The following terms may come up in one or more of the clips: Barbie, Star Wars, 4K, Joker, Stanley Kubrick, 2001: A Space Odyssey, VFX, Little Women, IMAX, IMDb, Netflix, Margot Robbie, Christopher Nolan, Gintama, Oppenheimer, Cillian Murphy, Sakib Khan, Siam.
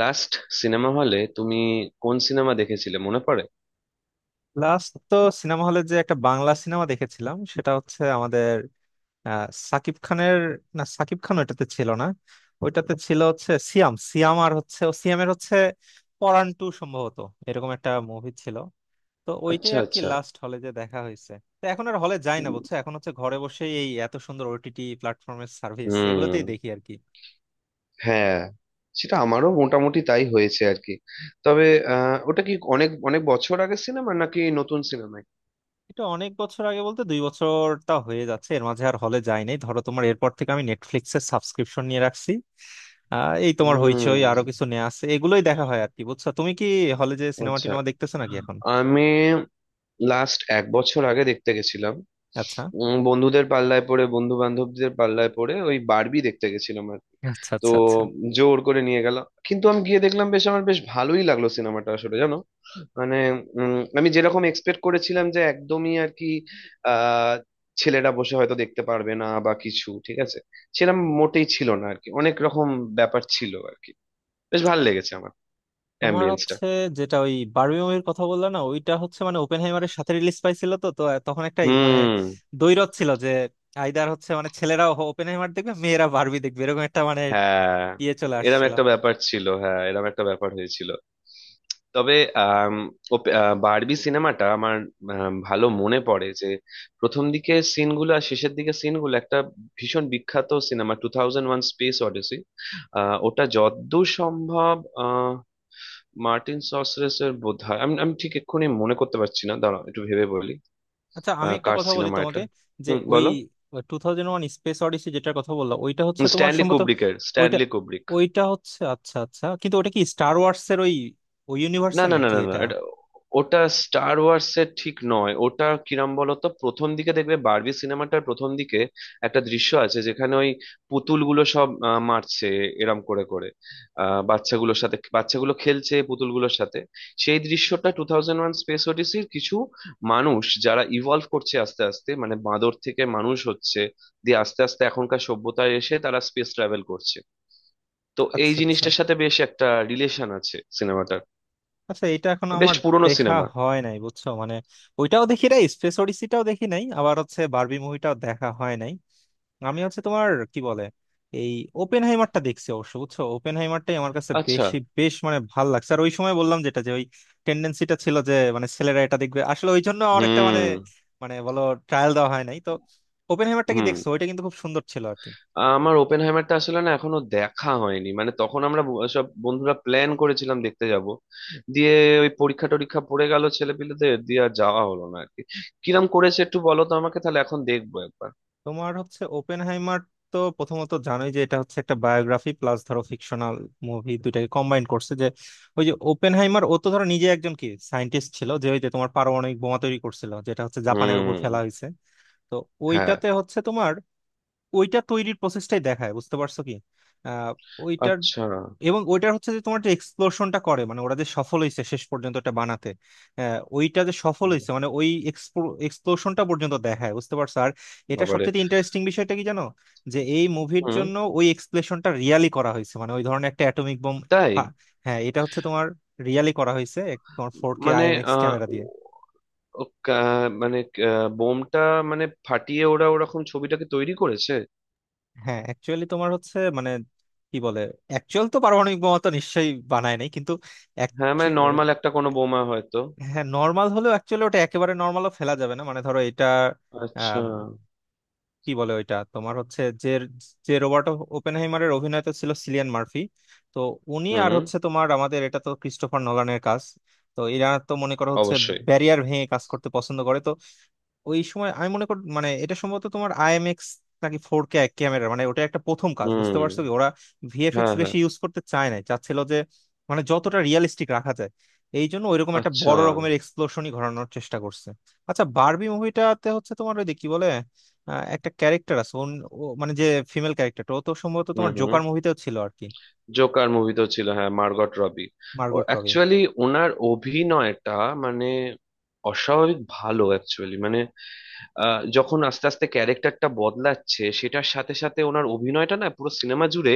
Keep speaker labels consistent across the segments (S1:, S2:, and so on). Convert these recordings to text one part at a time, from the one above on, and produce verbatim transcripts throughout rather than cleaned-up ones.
S1: Last cinema হলে তুমি কোন সিনেমা দেখেছিলে মনে পড়ে?
S2: লাস্ট তো সিনেমা হলে যে একটা বাংলা সিনেমা দেখেছিলাম সেটা হচ্ছে আমাদের আহ, সাকিব খানের। না, সাকিব খান ওইটাতে ছিল না। ওইটাতে ছিল হচ্ছে সিয়াম সিয়াম আর হচ্ছে ও সিয়ামের হচ্ছে পরান টু সম্ভবত। এরকম একটা মুভি ছিল। তো ওইটাই
S1: আচ্ছা
S2: আর কি
S1: আচ্ছা।
S2: লাস্ট হলে যে দেখা হয়েছে। তো এখন আর হলে যাই না বুঝছো। এখন হচ্ছে ঘরে বসেই এই এত সুন্দর ওটিটি প্ল্যাটফর্মের সার্ভিস
S1: হুম।
S2: এগুলোতেই দেখি আর কি।
S1: হ্যাঁ, সেটা আমারও মোটামুটি তাই হয়েছে আর কি। তবে আহ, ওটা কি অনেক অনেক বছর আগের সিনেমা নাকি নতুন সিনেমায়?
S2: এটা অনেক বছর আগে বলতে দুই বছরটা হয়ে যাচ্ছে, এর মাঝে আর হলে যাই নাই ধরো তোমার। এরপর থেকে আমি নেটফ্লিক্সের সাবস্ক্রিপশন নিয়ে রাখছি। আহ, এই তোমার হইচই
S1: হুম।
S2: আরো কিছু নেওয়া আছে, এগুলোই দেখা হয় আর কি বুঝছো। তুমি কি হলে যে সিনেমা
S1: আচ্ছা,
S2: টিনেমা দেখতেছো নাকি এখন?
S1: আমি লাস্ট এক বছর আগে দেখতে গেছিলাম।
S2: আচ্ছা
S1: উম, বন্ধুদের পাল্লায় পড়ে বন্ধু বান্ধবদের পাল্লায় পড়ে ওই বারবি দেখতে গেছিলাম আর কি।
S2: আচ্ছা
S1: তো
S2: আচ্ছা। আচ্ছা
S1: জোর করে নিয়ে গেল, কিন্তু আমি গিয়ে দেখলাম বেশ আমার বেশ ভালোই লাগলো সিনেমাটা আসলে, জানো। মানে উম, আমি যেরকম এক্সপেক্ট করেছিলাম যে একদমই আর কি, আহ ছেলেরা বসে হয়তো দেখতে পারবে না বা কিছু, ঠিক আছে, সেরকম মোটেই ছিল না আর কি। অনেক রকম ব্যাপার ছিল আর কি। বেশ ভালো লেগেছে আমার
S2: তোমার
S1: অ্যাম্বিয়েন্সটা।
S2: হচ্ছে, যেটা ওই বারবি মুভির কথা বললা না ওইটা হচ্ছে মানে ওপেনহাইমারের সাথে রিলিজ পাইছিল তো তো। তখন একটা মানে
S1: হুম।
S2: দ্বৈরথ ছিল যে আইদার হচ্ছে মানে ছেলেরা ওপেনহাইমার দেখবে, মেয়েরা বারবি দেখবে, এরকম একটা মানে
S1: হ্যাঁ,
S2: ইয়ে চলে
S1: এরম
S2: আসছিল।
S1: একটা ব্যাপার ছিল, হ্যাঁ, এরম একটা ব্যাপার হয়েছিল। তবে আম, ওপ- আহ, বারবি সিনেমাটা আমার, আম, ভালো মনে পড়ে যে প্রথম দিকে সিনগুলো আর শেষের দিকে সিনগুলো, একটা ভীষণ বিখ্যাত cinema two thousand one space odyssey, ওটা যতদূর সম্ভব আহ, মার্টিন সসরেসের বোধহয়, আমি আমি ঠিক এক্ষুনি মনে করতে পারছি না, দাঁড়াও একটু ভেবে বলি।
S2: আচ্ছা আমি
S1: আহ,
S2: একটা
S1: কার
S2: কথা বলি
S1: সিনেমা
S2: তোমাকে,
S1: এটা?
S2: যে
S1: হুম,
S2: ওই
S1: বলো।
S2: Two thousand one space odyssey যেটার কথা বললাম ওইটা হচ্ছে তোমার
S1: স্ট্যানলি
S2: সম্ভবত
S1: কুব্রিকের,
S2: ওইটা
S1: স্ট্যানলি কুব্রিক।
S2: ওইটা হচ্ছে আচ্ছা আচ্ছা, কিন্তু ওটা কি স্টার ওয়ার্স এর ওই ওই
S1: না
S2: ইউনিভার্সের
S1: না না
S2: নাকি
S1: না না,
S2: এটা?
S1: এটা, ওটা স্টার ওয়ার্স এর ঠিক নয়। ওটা কিরম বলতো, প্রথম দিকে দেখবে বারবি সিনেমাটার প্রথম দিকে একটা দৃশ্য আছে যেখানে ওই পুতুলগুলো সব আহ, মারছে, এরম করে করে, আহ, বাচ্চাগুলোর সাথে, বাচ্চাগুলো খেলছে পুতুলগুলোর সাথে। সেই দৃশ্যটা টু থাউজেন্ড ওয়ান স্পেস ওডিসির, কিছু মানুষ যারা ইভলভ করছে আস্তে আস্তে, মানে বাঁদর থেকে মানুষ হচ্ছে, দিয়ে আস্তে আস্তে এখনকার সভ্যতায় এসে তারা স্পেস ট্রাভেল করছে। তো এই
S2: আচ্ছা আচ্ছা
S1: জিনিসটার সাথে বেশ একটা রিলেশন আছে সিনেমাটার।
S2: আচ্ছা। এটা এখন
S1: বেশ
S2: আমার
S1: পুরনো
S2: দেখা
S1: সিনেমা।
S2: হয় নাই বুঝছো। মানে ওইটাও দেখি নাই, স্পেস অডিসিটাও দেখি নাই, আবার হচ্ছে বারবি মুভিটাও দেখা হয় নাই। আমি হচ্ছে তোমার কি বলে এই ওপেন হাইমারটা দেখছি অবশ্য বুঝছো। ওপেন হাইমারটাই আমার কাছে
S1: আচ্ছা।
S2: বেশি বেশ মানে ভাল লাগছে। আর ওই সময় বললাম যেটা, যে ওই টেন্ডেন্সিটা ছিল যে মানে ছেলেরা এটা দেখবে, আসলে ওই জন্য আমার একটা মানে
S1: হুম
S2: মানে বলো ট্রায়াল দেওয়া হয় নাই তো। ওপেন হাইমারটা কি
S1: হুম।
S2: দেখছো? ওইটা কিন্তু খুব সুন্দর ছিল আর কি।
S1: আমার ওপেনহাইমারটা আসলে না এখনো দেখা হয়নি। মানে তখন আমরা ব- সব বন্ধুরা প্ল্যান করেছিলাম দেখতে যাব, দিয়ে ওই পরীক্ষা টরীক্ষা পড়ে গেল ছেলেপিলেদের, দিয়ে আর যাওয়া হলো না আর কি। কিরম করেছে একটু বলো তো আমাকে, তাহলে এখন দেখবো একবার।
S2: তোমার হচ্ছে ওপেন হাইমার, তো প্রথমত জানোই যে এটা হচ্ছে একটা বায়োগ্রাফি প্লাস ধরো ফিকশনাল মুভি দুইটাকে কম্বাইন করছে। যে ওই যে ওপেন হাইমার ও তো ধরো নিজে একজন কি সায়েন্টিস্ট ছিল যে ওই যে তোমার পারমাণবিক বোমা তৈরি করছিল, যেটা হচ্ছে জাপানের উপর ফেলা
S1: হুম।
S2: হয়েছে। তো
S1: হ্যাঁ।
S2: ওইটাতে হচ্ছে তোমার ওইটা তৈরির প্রসেসটাই দেখায় বুঝতে পারছো কি। আহ ওইটার
S1: আচ্ছা।
S2: এবং ওইটার হচ্ছে যে তোমার যে এক্সপ্লোশনটা করে মানে ওরা যে সফল হয়েছে শেষ পর্যন্ত এটা বানাতে। আহ, ওইটা যে সফল
S1: হুম।
S2: হয়েছে মানে ওই এক্সপ্লোশনটা পর্যন্ত দেখায় বুঝতে পারছো। আর এটা
S1: বাবারে।
S2: সবচেয়ে ইন্টারেস্টিং বিষয়টা কি জানো, যে এই মুভির
S1: হুম।
S2: জন্য ওই এক্সপ্লেশনটা রিয়ালি করা হয়েছে, মানে ওই ধরনের একটা অ্যাটমিক বোম।
S1: তাই?
S2: হ্যাঁ, এটা হচ্ছে তোমার রিয়ালি করা হয়েছে এক- তোমার ফোর কে
S1: মানে
S2: আইএমএক্স
S1: আহ
S2: ক্যামেরা দিয়ে।
S1: ও- ও কা- মানে আহ, বোমটা মানে ফাটিয়ে ওরা ওরকম ছবিটাকে তৈরি করেছে?
S2: হ্যাঁ অ্যাকচুয়ালি তোমার হচ্ছে মানে কি বলে অ্যাকচুয়াল তো পারমাণবিক বোমা তো নিশ্চয়ই বানায় নাই, কিন্তু
S1: হ্যাঁ মানে
S2: actu-
S1: নর্মাল একটা কোনো বোমা হয়তো।
S2: হ্যাঁ নর্মাল হলেও অ্যাকচুয়ালি ওটা একেবারে নর্মালও ফেলা যাবে না মানে ধরো এটা
S1: আচ্ছা।
S2: আম, কি বলে ওইটা তোমার হচ্ছে যে যে রোবার্ট ওপেনহাইমারের অভিনেতা ছিল সিলিয়ান মার্ফি। তো উনি আর
S1: হুম।
S2: হচ্ছে তোমার আমাদের এটা তো ক্রিস্টোফার নোলানের কাজ। তো এরা তো মনে করো হচ্ছে
S1: অবশ্যই।
S2: ব্যারিয়ার ভেঙে কাজ করতে পছন্দ করে। ওই সময় আমি মনে করি মানে এটা সম্ভবত তোমার আইএমএক্স নাকি ফোর কে ক্যামেরা মানে ওটা একটা প্রথম কাজ বুঝতে
S1: হুম।
S2: পারছো কি। ওরা ভিএফএক্স
S1: হ্যাঁ হ্যাঁ।
S2: বেশি ইউজ করতে চায় না, চাচ্ছিল যে মানে যতটা রিয়েলিস্টিক রাখা যায়। এই জন্য ওইরকম একটা
S1: আচ্ছা।
S2: বড় রকমের এক্সপ্লোশনই ঘটানোর চেষ্টা করছে। আচ্ছা, বারবি মুভিটাতে হচ্ছে তোমার ওই যে কি বলে আহ, একটা ক্যারেক্টার আছে ওন- ও মানে যে ফিমেল ক্যারেক্টারটা ও তো সম্ভবত
S1: হুম
S2: তোমার
S1: হুম।
S2: জোকার মুভিতেও ছিল আর কি।
S1: জোকার মুভিতেও ছিল, হ্যাঁ, মার্গট রবি। ও
S2: মার্গট রবি।
S1: অ্যাকচুয়ালি ওনার অভিনয়টা মানে অস্বাভাবিক ভালো অ্যাকচুয়ালি। মানে আহ, যখন আস্তে আস্তে ক্যারেক্টারটা বদলাচ্ছে, সেটার সাথে সাথে ওনার অভিনয়টা না পুরো সিনেমা জুড়ে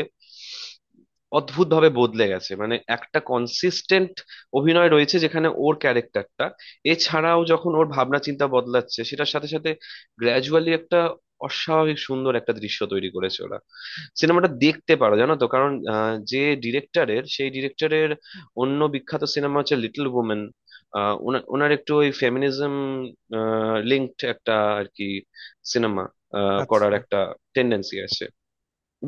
S1: অদ্ভুতভাবে বদলে গেছে। মানে একটা কনসিস্টেন্ট অভিনয় রয়েছে, যেখানে ওর ক্যারেক্টারটা, এছাড়াও যখন ওর ভাবনা চিন্তা বদলাচ্ছে সেটার সাথে সাথে গ্র্যাজুয়ালি একটা অস্বাভাবিক সুন্দর একটা দৃশ্য তৈরি করেছে ওরা। সিনেমাটা দেখতে পারো, জানো তো, কারণ আহ, যে ডিরেক্টরের, সেই ডিরেক্টরের অন্য বিখ্যাত সিনেমা হচ্ছে লিটল ওমেন। ওনার একটু ওই ফেমিনিজম লিঙ্কড একটা আর কি সিনেমা করার
S2: আচ্ছা
S1: একটা টেন্ডেন্সি আছে।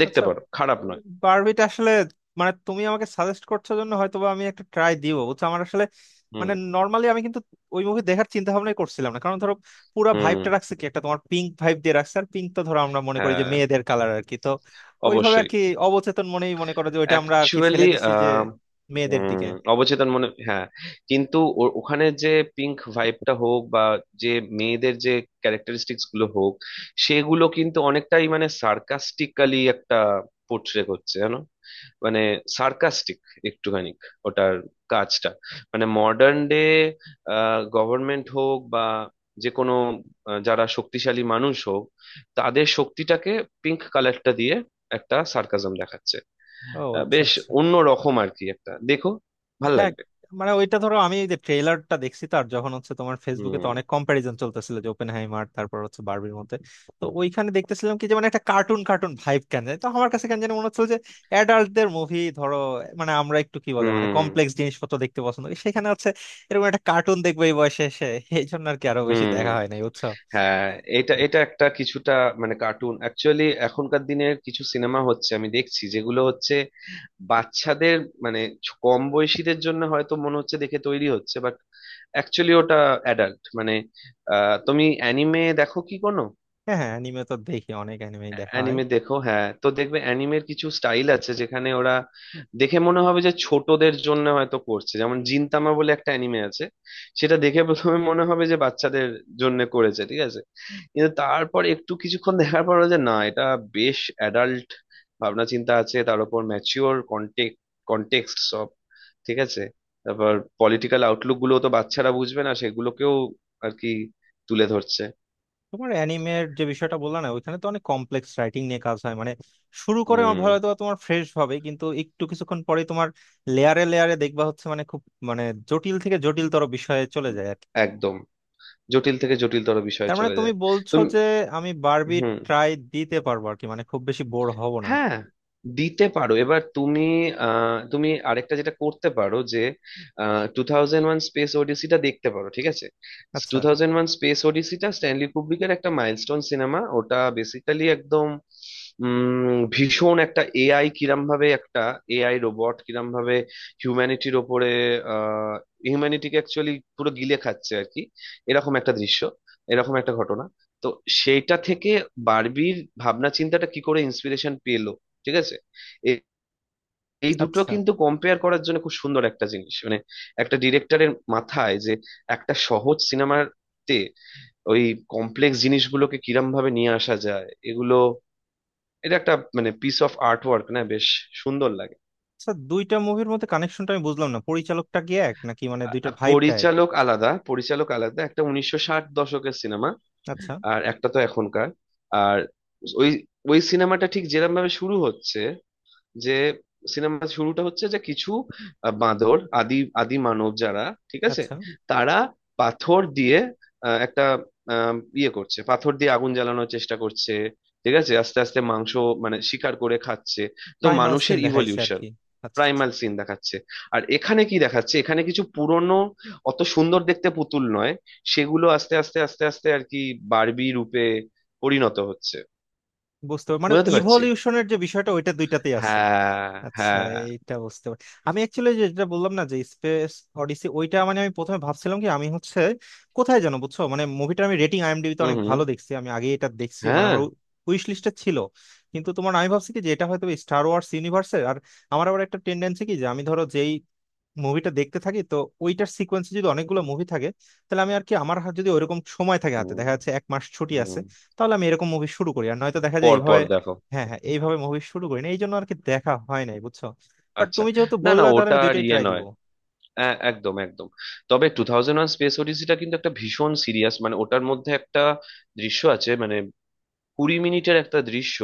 S1: দেখতে
S2: আচ্ছা।
S1: পারো, খারাপ নয়।
S2: বারবিটা আসলে মানে তুমি আমাকে সাজেস্ট করছো জন্য হয়তোবা আমি একটা ট্রাই দিব বুঝছো। আমার আসলে
S1: হুম
S2: মানে নর্মালি আমি কিন্তু ওই মুভি দেখার চিন্তা ভাবনাই করছিলাম না, কারণ ধরো পুরো
S1: হুম।
S2: ভাইবটা রাখছে কি একটা তোমার পিঙ্ক ভাইব দিয়ে রাখছে। আর পিঙ্ক তো ধরো আমরা মনে করি যে
S1: হ্যাঁ,
S2: মেয়েদের কালার আর কি, তো ওইভাবে আর
S1: অবশ্যই।
S2: কি অবচেতন মনেই মনে করো যে ওইটা আমরা আর কি ফেলে
S1: অ্যাকচুয়ালি।
S2: দিছি যে মেয়েদের
S1: হুম,
S2: দিকে।
S1: অবচেতন মনে, হ্যাঁ। কিন্তু ও- ওখানে যে পিঙ্ক ভাইবটা হোক, বা যে মেয়েদের যে ক্যারেক্টারিস্টিক্স গুলো হোক, সেগুলো কিন্তু অনেকটাই মানে সার্কাস্টিক্যালি একটা পোর্ট্রে করছে, জানো। মানে সার্কাস্টিক একটুখানি। ওটার কাজটা মানে মডার্ন ডে গভর্নমেন্ট হোক বা যে কোনো আহ, যারা শক্তিশালী মানুষ হোক, তাদের শক্তিটাকে পিঙ্ক কালারটা দিয়ে একটা সার্কাজম দেখাচ্ছে।
S2: ও
S1: আহ,
S2: আচ্ছা
S1: বেশ
S2: আচ্ছা।
S1: অন্য রকম আর কি, একটা দেখো, ভাল
S2: হ্যাঁ,
S1: লাগবে।
S2: মানে ওইটা ধরো আমি এই যে ট্রেলারটা দেখছি, তার যখন হচ্ছে তোমার ফেসবুকে তো
S1: হুম
S2: অনেক কম্প্যারিজন চলতেছিল যে ওপেনহাইমার তারপর হচ্ছে বার্বির মধ্যে। তো ওইখানে দেখতেছিলাম কি যে মানে একটা কার্টুন কার্টুন ভাইব কেন জানি, তো আমার কাছে কেন জানি মনে হচ্ছিল যে অ্যাডাল্টদের মুভি ধরো মানে আমরা একটু কি বলে মানে
S1: হুম
S2: কমপ্লেক্স জিনিসপত্র দেখতে পছন্দ করি, সেখানে হচ্ছে এরকম একটা কার্টুন দেখবো এই বয়সে এসে। এই জন্য আর কি আরো বেশি
S1: হুম।
S2: দেখা হয় নাই বুঝছো।
S1: হ্যাঁ, এটা এটা একটা কিছুটা মানে কার্টুন। অ্যাকচুয়ালি এখনকার দিনের কিছু সিনেমা হচ্ছে আমি দেখছি যেগুলো হচ্ছে বাচ্চাদের মানে ছ- কম বয়সীদের জন্য হয়তো মনে হচ্ছে দেখে তৈরি হচ্ছে, বাট অ্যাকচুয়ালি ওটা অ্যাডাল্ট মানে, আহ তুমি অ্যানিমে দেখো কি কোনো?
S2: হ্যাঁ হ্যাঁ অ্যানিমে তো দেখি, অনেক অ্যানিমেই দেখা হয়।
S1: অ্যানিমে দেখো, হ্যাঁ, তো দেখবে অ্যানিমের কিছু স্টাইল আছে যেখানে ওরা দেখে মনে হবে যে ছোটদের জন্য হয়তো করছে, যেমন জিনতামা বলে একটা অ্যানিমে আছে, সেটা দেখে প্রথমে মনে হবে যে বাচ্চাদের জন্য করেছে, ঠিক আছে, কিন্তু তারপর একটু কিছুক্ষণ দেখার পর যে না, এটা বেশ অ্যাডাল্ট ভাবনা চিন্তা আছে, তার উপর ম্যাচিওর কন্টেক্ট কনটেক্সট সব, ঠিক আছে, তারপর পলিটিক্যাল আউটলুক গুলো তো বাচ্চারা বুঝবে না, সেগুলোকেও আর কি তুলে ধরছে।
S2: তোমার অ্যানিমের যে বিষয়টা বললা না, ওইখানে তো অনেক কমপ্লেক্স রাইটিং নিয়ে কাজ হয় মানে শুরু করে আমার
S1: হুম।
S2: হয়তো বা তোমার ফ্রেশ ভাবে, কিন্তু একটু কিছুক্ষণ পরেই তোমার লেয়ারে লেয়ারে দেখবা হচ্ছে মানে খুব মানে জটিল থেকে জটিলতর বিষয়ে চলে যায় আর কি।
S1: একদম, জটিল থেকে জটিলতর বিষয়ে
S2: তার মানে
S1: চলে
S2: তুমি
S1: যায়।
S2: বলছো
S1: তুমি।
S2: যে আমি বারবি
S1: হুম।
S2: ট্রাই দিতে পারবো আর কি, মানে খুব বেশি বোর হব না।
S1: হ্যাঁ, দিতে পারো, এবার তুমি। আহ, তুমি আরেকটা যেটা করতে পারো যে টু থাউজেন্ড ওয়ান স্পেস ওডিসিটা দেখতে পারো, ঠিক আছে? টু
S2: আচ্ছা
S1: থাউজেন্ড ওয়ান স্পেস ওডিসিটা স্ট্যানলি কুব্রিকের একটা মাইলস্টোন সিনেমা। ওটা বেসিক্যালি একদম উম, ভীষণ একটা এআই কিরম ভাবে একটা এআই রোবট কিরম ভাবে হিউম্যানিটির ওপরে আহ হিউম্যানিটিকে অ্যাকচুয়ালি পুরো গিলে খাচ্ছে আর কি, এরকম একটা দৃশ্য, এরকম একটা ঘটনা। তো সেইটা থেকে বার্বির ভাবনা চিন্তাটা কি করে ইন্সপিরেশন পেলো, ঠিক আছে। এ- এই দুটো
S2: আচ্ছা
S1: কিন্তু কম্পেয়ার করার জন্য খুব সুন্দর একটা জিনিস। মানে একটা ডিরেক্টরের মাথায় যে একটা সহজ সিনেমাতে ওই কমপ্লেক্স জিনিসগুলোকে কিরম ভাবে নিয়ে আসা যায়, এগুলো, এটা একটা মানে পিস অফ আর্ট ওয়ার্ক না, বেশ সুন্দর লাগে।
S2: আচ্ছা, দুইটা মুভির মধ্যে কানেকশনটা আমি বুঝলাম না, পরিচালকটা কি এক নাকি মানে দুইটার
S1: আ-
S2: ভাইবটা এক?
S1: পরিচালক আলাদা, পরিচালক আলাদা, একটা উনিশশো ষাট দশকের সিনেমা,
S2: আচ্ছা
S1: আর একটা তো এখনকার। আর ওই, ওই সিনেমাটা ঠিক যেরকম ভাবে শুরু হচ্ছে, যে সিনেমা শুরুটা হচ্ছে যে কিছু আহ, বাঁদর, আদি আদি মানব যারা, ঠিক আছে,
S2: আচ্ছা।
S1: তারা পাথর দিয়ে আহ, একটা আহ, ইয়ে করছে, পাথর দিয়ে আগুন জ্বালানোর চেষ্টা করছে, ঠিক আছে, আস্তে আস্তে মাংস মানে শিকার করে খাচ্ছে, তো
S2: প্রাইমাল
S1: মানুষের
S2: সিন দেখাইছে আর
S1: ইভলিউশন,
S2: কি। আচ্ছা আচ্ছা।
S1: প্রাইমাল সিন দেখাচ্ছে। আর এখানে কি দেখাচ্ছে, এখানে কিছু পুরনো অত সুন্দর দেখতে পুতুল নয়, সেগুলো আস্তে আস্তে আস্তে আস্তে আর কি বারবি রূপে পরিণত হচ্ছে।
S2: বুঝতে পার- মানে
S1: বুঝতে পারছি।
S2: ইভলিউশনের যে বিষয়টা ওইটা দুইটাতেই আছে।
S1: হ্যাঁ।
S2: আচ্ছা,
S1: হ্যাঁ।
S2: এইটা বুঝতে পারি। আমি অ্যাকচুয়ালি যেটা বললাম না যে স্পেস অডিসি, ওইটা মানে আমি প্রথমে ভাবছিলাম কি আমি হচ্ছে কোথায় জানো বুঝছো, মানে মুভিটা আমি রেটিং আইএমডিবিতে
S1: হুম
S2: অনেক
S1: হুম।
S2: ভালো দেখছি, আমি আগে এটা দেখছি মানে
S1: হ্যাঁ।
S2: আমার উইশ লিস্টে ছিল। কিন্তু তোমার আমি ভাবছি কি যে এটা হয়তো স্টার ওয়ার্স ইউনিভার্সের, আর আমার আবার একটা টেন্ডেন্সি কি যে আমি ধরো যেই মুভিটা দেখতে থাকি তো ওইটার সিকোয়েন্সে যদি অনেকগুলো মুভি থাকে, তাহলে আমি আর কি আমার হাতে যদি ওইরকম সময় থাকে, হাতে
S1: হুম
S2: দেখা যাচ্ছে এক মাস ছুটি আছে,
S1: হুম,
S2: তাহলে আমি এরকম মুভি শুরু করি আর নয়তো দেখা যায়
S1: পর
S2: এইভাবে।
S1: পর দেখো।
S2: হ্যাঁ হ্যাঁ, এইভাবে মুভি শুরু করি না, এই জন্য আর কি দেখা হয় নাই বুঝছো। বাট
S1: আচ্ছা,
S2: তুমি যেহেতু
S1: না না
S2: বললা তাহলে
S1: ওটা
S2: আমি
S1: আর
S2: দুইটাই
S1: ইয়ে
S2: ট্রাই দিব।
S1: নয়। হ্যাঁ, একদম একদম। তবে টু থাউজেন্ড ওয়ান স্পেস ওডিসিটা কিন্তু একটা ভীষণ সিরিয়াস, মানে ওটার মধ্যে একটা দৃশ্য আছে মানে, কুড়ি মিনিটের একটা দৃশ্য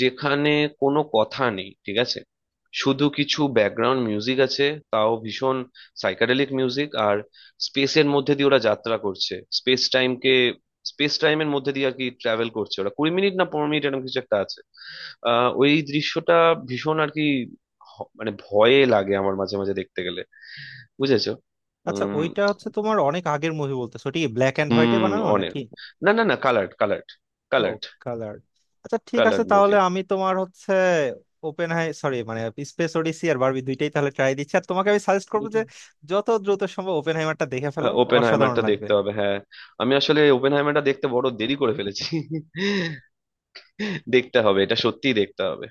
S1: যেখানে কোনো কথা নেই, ঠিক আছে, শুধু কিছু ব্যাকগ্রাউন্ড মিউজিক আছে, তাও ভীষণ সাইকাডেলিক মিউজিক, আর স্পেসের মধ্যে দিয়ে ওরা যাত্রা করছে, স্পেস টাইমকে, স্পেস টাইমের মধ্যে দিয়ে আর কি ট্রাভেল করছে ওরা, কুড়ি মিনিট না পনেরো মিনিট এরকম কিছু একটা আছে। আহ ওই দৃশ্যটা ভীষণ আর কি হ- মানে ভয়ে লাগে আমার মাঝে মাঝে দেখতে গেলে, বুঝেছো।
S2: আচ্ছা,
S1: উম
S2: ওইটা হচ্ছে তোমার অনেক আগের মুভি বলতেছো ঠিক, ব্ল্যাক এন্ড হোয়াইটে
S1: হুম
S2: বানানো
S1: অনেক,
S2: নাকি?
S1: না না না, কালার্ড কালার্ড,
S2: ও,
S1: কালার্ড।
S2: কালার। আচ্ছা, ঠিক আছে,
S1: কালার্ড
S2: তাহলে
S1: মুভি।
S2: আমি তোমার হচ্ছে ওপেন হাই সরি মানে স্পেস ওডিসি আর বারবি দুইটাই তাহলে ট্রাই দিচ্ছি। আর তোমাকে আমি সাজেস্ট করবো যে যত দ্রুত সম্ভব ওপেন হাইমারটা দেখে ফেলো।
S1: আহ,
S2: অসাধারণ
S1: ওপেনহাইমারটা
S2: লাগবে।
S1: দেখতে হবে, হ্যাঁ। আমি আসলে ওপেনহাইমারটা দেখতে বড় দেরি করে ফেলেছি। দেখতে হবে, এটা সত্যিই দেখতে হবে।